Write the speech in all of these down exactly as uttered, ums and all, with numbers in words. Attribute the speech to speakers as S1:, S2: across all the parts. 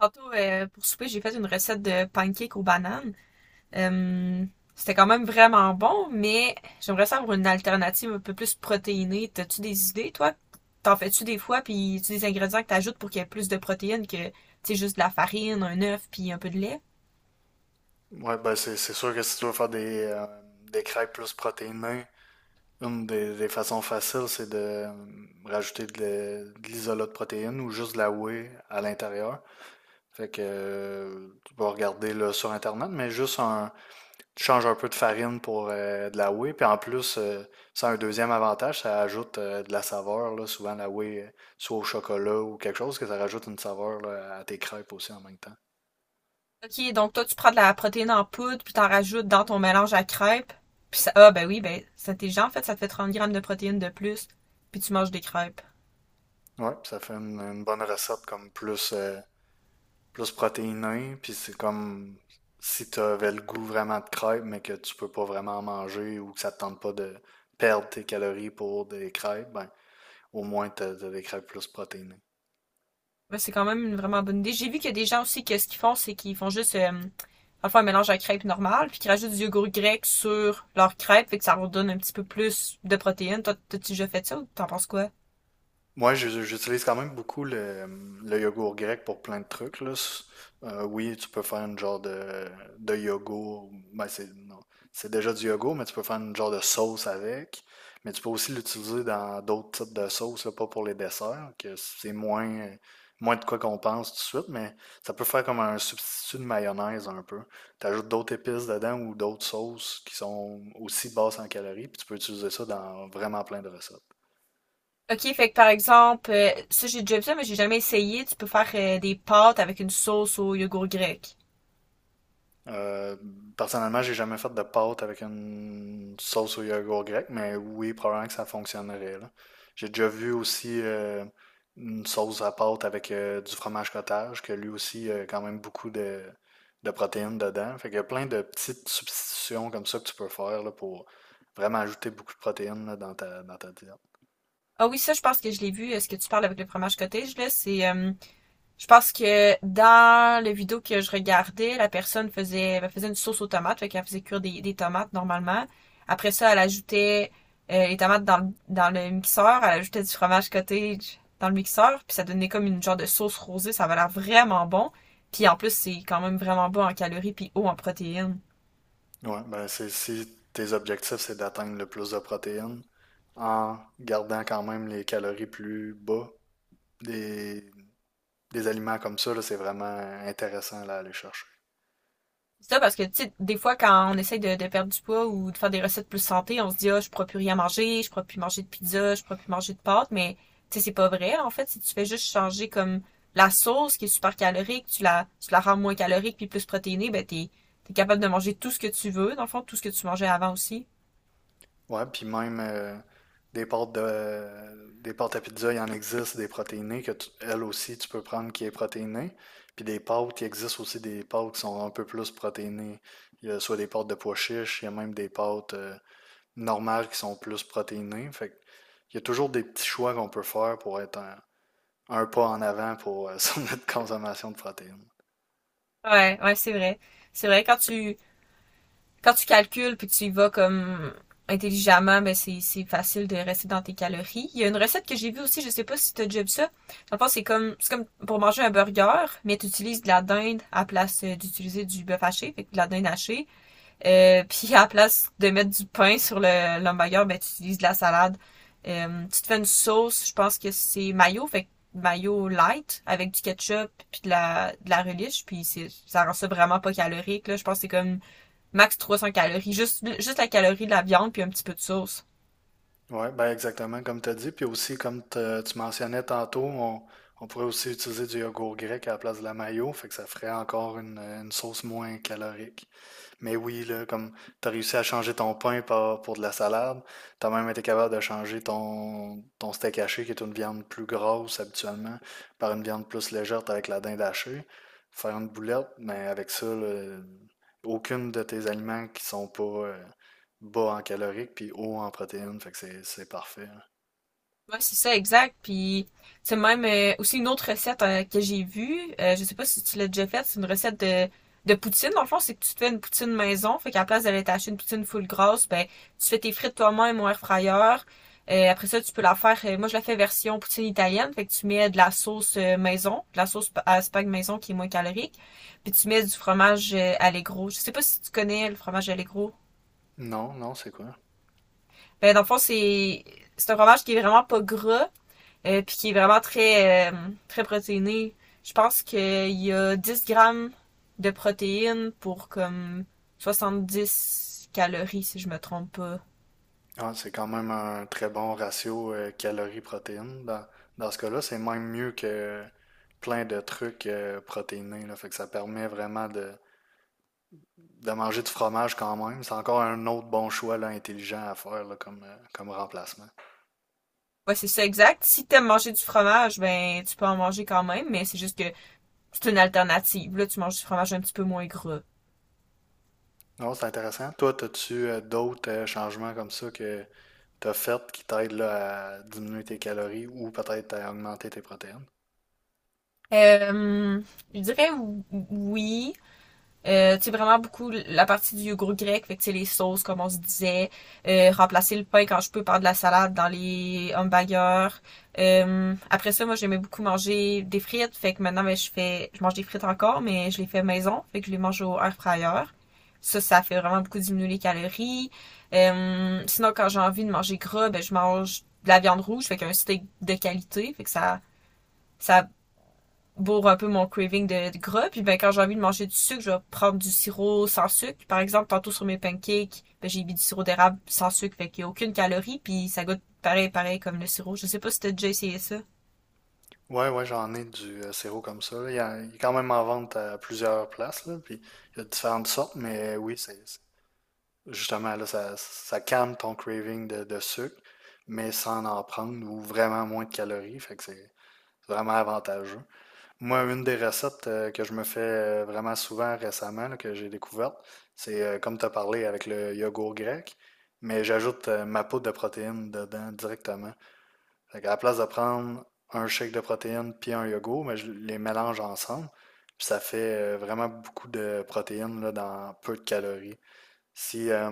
S1: Tantôt, euh, pour souper, j'ai fait une recette de pancakes aux bananes. Euh, c'était quand même vraiment bon, mais j'aimerais ça avoir une alternative un peu plus protéinée. T'as-tu des idées, toi? T'en fais-tu des fois, puis tu des ingrédients que t'ajoutes pour qu'il y ait plus de protéines que, tu sais, juste de la farine, un œuf, puis un peu de lait?
S2: Ouais, ben c'est c'est sûr que si tu veux faire des, euh, des crêpes plus protéinées, une des, des façons faciles, c'est de euh, rajouter de, la- de l'isolat de protéines ou juste de la whey à l'intérieur. Fait que euh, tu vas regarder là, sur Internet, mais juste un, tu changes un peu de farine pour euh, de la whey. Puis en plus, euh, ça a un deuxième avantage, ça ajoute euh, de la saveur, là, souvent la whey, euh, soit au chocolat ou quelque chose, que ça rajoute une saveur là, à tes crêpes aussi en même temps.
S1: Ok, donc toi, tu prends de la protéine en poudre, puis t'en rajoutes dans ton mélange à crêpes. Puis ça, ah, ben oui, ben, c'est intelligent, en fait, ça te fait trente grammes de protéines de plus, puis tu manges des crêpes.
S2: Ouais, ça fait une, une bonne recette comme plus euh, plus protéiné, puis c'est comme si tu avais le goût vraiment de crêpes, mais que tu peux pas vraiment manger ou que ça te tente pas de perdre tes calories pour des crêpes, ben, au moins tu as, des crêpes plus protéinées.
S1: Bah, c'est quand même une vraiment bonne idée. J'ai vu qu'il y a des gens aussi que ce qu'ils font, c'est qu'ils font juste euh, enfin un mélange à crêpes normal, puis qu'ils rajoutent du yogourt grec sur leur crêpe, fait que ça leur donne un petit peu plus de protéines. Toi, t'as-tu déjà fait ça ou t'en penses quoi?
S2: Moi, je- j'utilise quand même beaucoup le, le yogourt grec pour plein de trucs, là. S- euh, oui, tu peux faire une genre de, de yogourt. Ben, c'est, non, c'est déjà du yogourt, mais tu peux faire une genre de sauce avec. Mais tu peux aussi l'utiliser dans d'autres types de sauces, là, pas pour les desserts, que c'est moins, moins de quoi qu'on pense tout de suite, mais ça peut faire comme un substitut de mayonnaise un peu. Tu ajoutes d'autres épices dedans ou d'autres sauces qui sont aussi basses en calories, puis tu peux utiliser ça dans vraiment plein de recettes.
S1: Ok, fait que par exemple, euh, ça j'ai déjà vu ça, mais j'ai jamais essayé. Tu peux faire euh, des pâtes avec une sauce au yogourt grec.
S2: Euh, Personnellement, j'ai jamais fait de pâte avec une sauce au yogourt grec, mais oui, probablement que ça fonctionnerait, là. J'ai déjà vu aussi euh, une sauce à pâte avec euh, du fromage cottage, que lui aussi a quand même beaucoup de, de protéines dedans. Fait qu'il y a plein de petites substitutions comme ça que tu peux faire là, pour vraiment ajouter beaucoup de protéines là, dans ta, dans ta diète.
S1: Ah oui, ça je pense que je l'ai vu. Est-ce que tu parles avec le fromage cottage là? C'est euh, Je pense que dans la vidéo que je regardais, la personne faisait, elle faisait une sauce aux tomates, fait qu'elle faisait cuire des, des tomates normalement. Après ça, elle ajoutait euh, les tomates dans, le- dans le mixeur, elle ajoutait du fromage cottage dans le mixeur, puis ça donnait comme une genre de sauce rosée, ça avait l'air vraiment bon. Puis en plus, c'est quand même vraiment bon en calories puis haut en protéines.
S2: Ouais, ben c'est, si tes objectifs, c'est d'atteindre le plus de protéines en gardant quand même les calories plus bas des des aliments comme ça, là, c'est vraiment intéressant là, à aller chercher.
S1: C'est ça parce que, tu sais, des fois, quand on essaye de, de perdre du poids ou de faire des recettes plus santé, on se dit, ah, je pourrais plus rien manger, je pourrais plus manger de pizza, je pourrais plus manger de pâtes, mais, tu sais, c'est pas vrai, en fait. Si tu fais juste changer comme la sauce qui est super calorique, tu la, tu la rends moins calorique puis plus protéinée, ben, t'es, t'es capable de manger tout ce que tu veux, dans le fond, tout ce que tu mangeais avant aussi.
S2: Ouais, puis même euh, des pâtes de des pâtes à pizza, il en existe des protéinées que tu- elle aussi tu peux prendre qui est protéinée. Puis des pâtes, il existe aussi des pâtes qui sont un peu plus protéinées. Il y a soit des pâtes de pois chiches, il y a même des pâtes euh, normales qui sont plus protéinées. Fait que il y a toujours des petits choix qu'on peut faire pour être un, un pas en avant pour euh, sur notre consommation de protéines.
S1: Ouais, ouais, c'est vrai. C'est vrai, quand tu, quand tu calcules puis que tu y vas comme intelligemment, ben c'est, c'est facile de rester dans tes calories. Il y a une recette que j'ai vue aussi, je sais pas si t'as déjà vu ça. Dans le fond, c'est comme, c'est comme pour manger un burger, mais tu utilises de la dinde à place euh, d'utiliser du bœuf haché, fait que de la dinde hachée. Euh, puis à la place de mettre du pain sur le l'hamburger, ben tu utilises de la salade. Euh, tu te fais une sauce, je pense que c'est mayo, fait que mayo light avec du ketchup puis de la de la relish, puis c'est ça rend ça vraiment pas calorique là. Je pense que c'est comme max trois cents calories, juste juste la calorie de la viande puis un petit peu de sauce.
S2: Oui, ben exactement comme tu as dit. Puis aussi, comme te- tu mentionnais tantôt, on, on pourrait aussi utiliser du yogourt grec à la place de la mayo, fait que ça ferait encore une, une sauce moins calorique. Mais oui, là, comme t'as réussi à changer ton pain par- pour de la salade, t'as même été capable de changer ton, ton steak haché, qui est une viande plus grosse habituellement, par une viande plus légère avec la dinde hachée. Faire une boulette, mais avec ça, là, aucune de tes aliments qui sont pas euh, bas en caloriques puis haut en protéines, fait que c'est c'est parfait. Là.
S1: Ouais, c'est ça, exact. Puis, c'est même euh, aussi une autre recette euh, que j'ai vue. Euh, je sais pas si tu l'as déjà faite. C'est une recette de, de poutine. Dans le fond, c'est que tu te fais une poutine maison. Fait qu'à la place d'aller t'acheter une poutine full grosse, ben, tu fais tes frites toi-même au air fryer. Euh, après ça, tu peux la faire. euh, moi, je la fais version poutine italienne. Fait que tu mets de la sauce euh, maison, de la sauce pa- à spag maison qui est moins calorique. Puis tu mets du fromage euh, Allegro. Je sais pas si tu connais le fromage Allegro.
S2: Non, non, c'est quoi?
S1: Ben, dans le fond, c'est c'est un fromage qui est vraiment pas gras euh, puis qui est vraiment très, euh, très protéiné. Je pense qu'il y a dix grammes de protéines pour comme soixante-dix calories, si je me trompe pas.
S2: Ah, c'est quand même un très bon ratio euh, calories-protéines. Dans, dans ce cas-là, c'est même mieux que plein de trucs euh, protéinés, là. Fait que ça permet vraiment de, de manger du fromage quand même. C'est encore un autre bon choix là, intelligent à faire là, comme, euh, comme remplacement.
S1: Ouais, c'est ça exact. Si t'aimes manger du fromage, ben tu peux en manger quand même, mais c'est juste que c'est une alternative. Là, tu manges du fromage un petit peu moins gras.
S2: Non, c'est intéressant. Toi, as-tu euh, d'autres euh, changements comme ça que tu as fait qui t'aident là, à diminuer tes calories ou peut-être à augmenter tes protéines?
S1: Euh, je dirais oui. Euh, tu sais, vraiment beaucoup la partie du yogourt grec, fait que tu sais, les sauces, comme on se disait, euh, remplacer le pain quand je peux par de la salade dans les hamburgers. Euh, après ça, moi, j'aimais beaucoup manger des frites, fait que maintenant, ben, je fais, je mange des frites encore, mais je les fais maison, fait que je les mange au air fryer. Ça, ça fait vraiment beaucoup diminuer les calories. Euh, sinon, quand j'ai envie de manger gras, ben, je mange de la viande rouge, fait qu'un steak de qualité, fait que ça, ça pour un peu mon craving de, de gras. Puis ben quand j'ai envie de manger du sucre, je vais prendre du sirop sans sucre. Par exemple, tantôt sur mes pancakes, ben, j'ai mis du sirop d'érable sans sucre, fait qu'il n'y a aucune calorie, puis ça goûte pareil, pareil comme le sirop. Je sais pas si t'as déjà essayé ça.
S2: Ouais, ouais, j'en ai du euh, sirop comme ça. Là, Il, y a- il est quand même en vente à plusieurs places, là, puis il y a différentes sortes, mais oui, c'est c'est- justement là, ça, ça calme ton craving de, de sucre, mais sans en prendre ou vraiment moins de calories, fait que c'est c'est vraiment avantageux. Moi, une des recettes euh, que je me fais euh, vraiment souvent récemment, là, que j'ai découverte, c'est euh, comme tu as parlé avec le yogourt grec, mais j'ajoute euh, ma poudre de protéines dedans directement. Fait qu'à la place de prendre un shake de protéines puis un yogourt, mais je les mélange ensemble. Puis ça fait euh, vraiment beaucoup de protéines là, dans peu de calories. Si euh,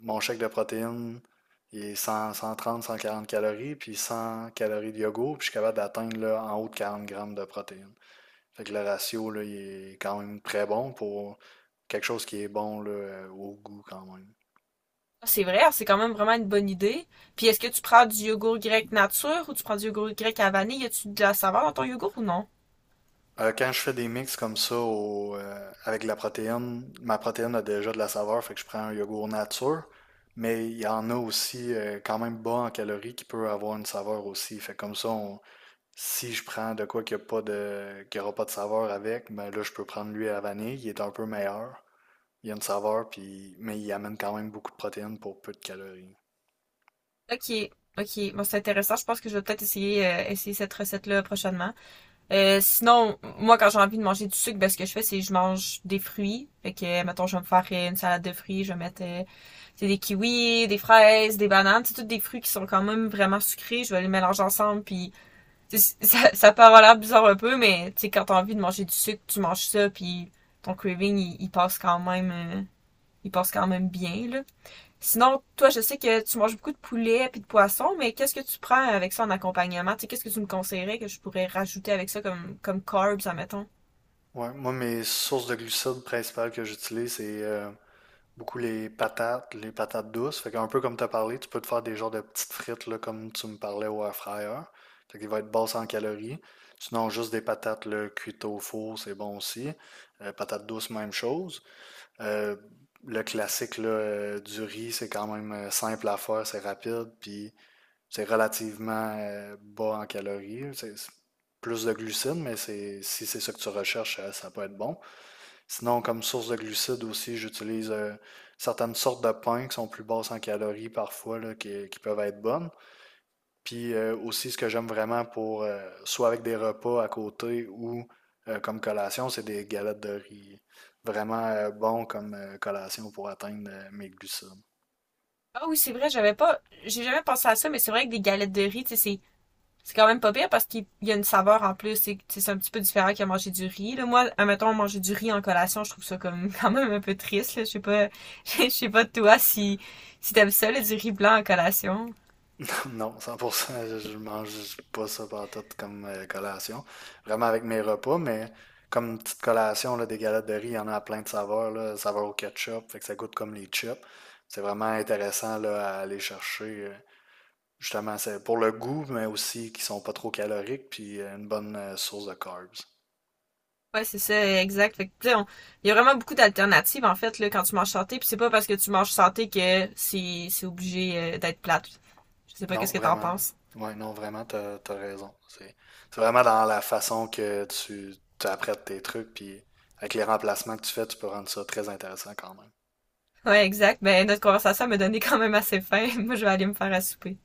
S2: mon shake de protéines il est cent, cent trente, cent quarante calories, puis cent calories de yogourt, puis je suis capable d'atteindre là, en haut de quarante grammes de protéines. Fait que le ratio là, il est quand même très bon pour quelque chose qui est bon là, euh, au goût quand même.
S1: C'est vrai, c'est quand même vraiment une bonne idée. Puis est-ce que tu prends du yogourt grec nature ou tu prends du yogourt grec à vanille? Y a-tu de la saveur dans ton yogourt ou non?
S2: Euh, quand je fais des mix comme ça au, euh, avec la protéine, ma protéine a déjà de la saveur, fait que je prends un yogourt nature, mais il y en a aussi euh, quand même bas en calories qui peut avoir une saveur aussi. Fait que comme ça, on- si je prends de quoi qu'il n'y a pas de, qu'il y aura pas de saveur avec, ben là je peux prendre lui à la vanille, il est un peu meilleur, il y a une saveur, puis, mais il amène quand même beaucoup de protéines pour peu de calories.
S1: Ok, ok, bon c'est intéressant. Je pense que je vais peut-être essayer, euh, essayer cette recette-là prochainement. Euh, sinon, moi, quand j'ai envie de manger du sucre, ben, ce que je fais, c'est que je mange des fruits. Fait que, mettons, je vais me faire euh, une salade de fruits, je vais mettre euh, tu des kiwis, des fraises, des bananes, c'est tous des fruits qui sont quand même vraiment sucrés. Je vais les mélanger ensemble, puis ça, ça peut avoir l'air bizarre un peu, mais tu sais, quand t'as envie de manger du sucre, tu manges ça, puis ton craving, il, il passe quand même, euh, il passe quand même bien, là. Sinon, toi, je sais que tu manges beaucoup de poulet puis de poisson, mais qu'est-ce que tu prends avec ça en accompagnement? Tu sais, qu'est-ce que tu me conseillerais que je pourrais rajouter avec ça comme, comme carbs, admettons?
S2: Ouais, moi mes sources de glucides principales que j'utilise, c'est euh, beaucoup les patates, les patates douces. Fait qu'un peu comme tu as parlé, tu peux te faire des genres de petites frites là, comme tu me parlais au air fryer. Fait qu'il va être basse en calories. Sinon, juste des patates là, cuites au four, c'est bon aussi. Euh, patates douces, même chose. Euh, le classique là, euh, du riz, c'est quand même euh, simple à faire, c'est rapide, puis c'est relativement euh, bas en calories. C'est c'est plus de glucides, mais c'est, si c'est ce que tu recherches, euh, ça peut être bon. Sinon, comme source de glucides aussi, j'utilise euh, certaines sortes de pains qui sont plus basses en calories parfois, là, qui, qui peuvent être bonnes. Puis euh, aussi, ce que j'aime vraiment pour, euh, soit avec des repas à côté ou euh, comme collation, c'est des galettes de riz. Vraiment euh, bon comme euh, collation pour atteindre euh, mes glucides.
S1: Ah oui, c'est vrai, j'avais pas, j'ai jamais pensé à ça, mais c'est vrai que des galettes de riz, tu sais, c'est, c'est quand même pas pire parce qu'il y a une saveur en plus, c'est, c'est un petit peu différent qu'à manger du riz. Là, moi, admettons, manger du riz en collation, je trouve ça comme quand même un peu triste, là. Je sais pas, je sais pas toi si, si t'aimes ça, là, du riz blanc en collation.
S2: Non, cent pour cent, je, je mange pas ça pantoute comme euh, collation. Vraiment avec mes repas, mais comme une petite collation, là, des galettes de riz, il y en a à plein de saveurs, là, saveur au ketchup, fait que ça goûte comme les chips. C'est vraiment intéressant là, à aller chercher. euh, Justement, c'est pour le goût, mais aussi qui sont pas trop caloriques, puis euh, une bonne euh, source de carbs.
S1: Ouais, c'est ça, exact. Fait que, tu sais, on- il y a vraiment beaucoup d'alternatives, en fait, là, quand tu manges santé. Puis c'est pas parce que tu manges santé que c'est c'est obligé euh, d'être plate. Je sais pas
S2: Non,
S1: qu'est-ce que t'en
S2: vraiment.
S1: penses.
S2: Ouais, non, vraiment, t'as, t'as raison. C'est, c'est vraiment dans la façon que tu, tu apprêtes tes trucs, puis avec les remplacements que tu fais, tu peux rendre ça très intéressant quand même.
S1: Ouais, exact. Ben, notre conversation m'a donné quand même assez faim. Moi, je vais aller me faire à souper.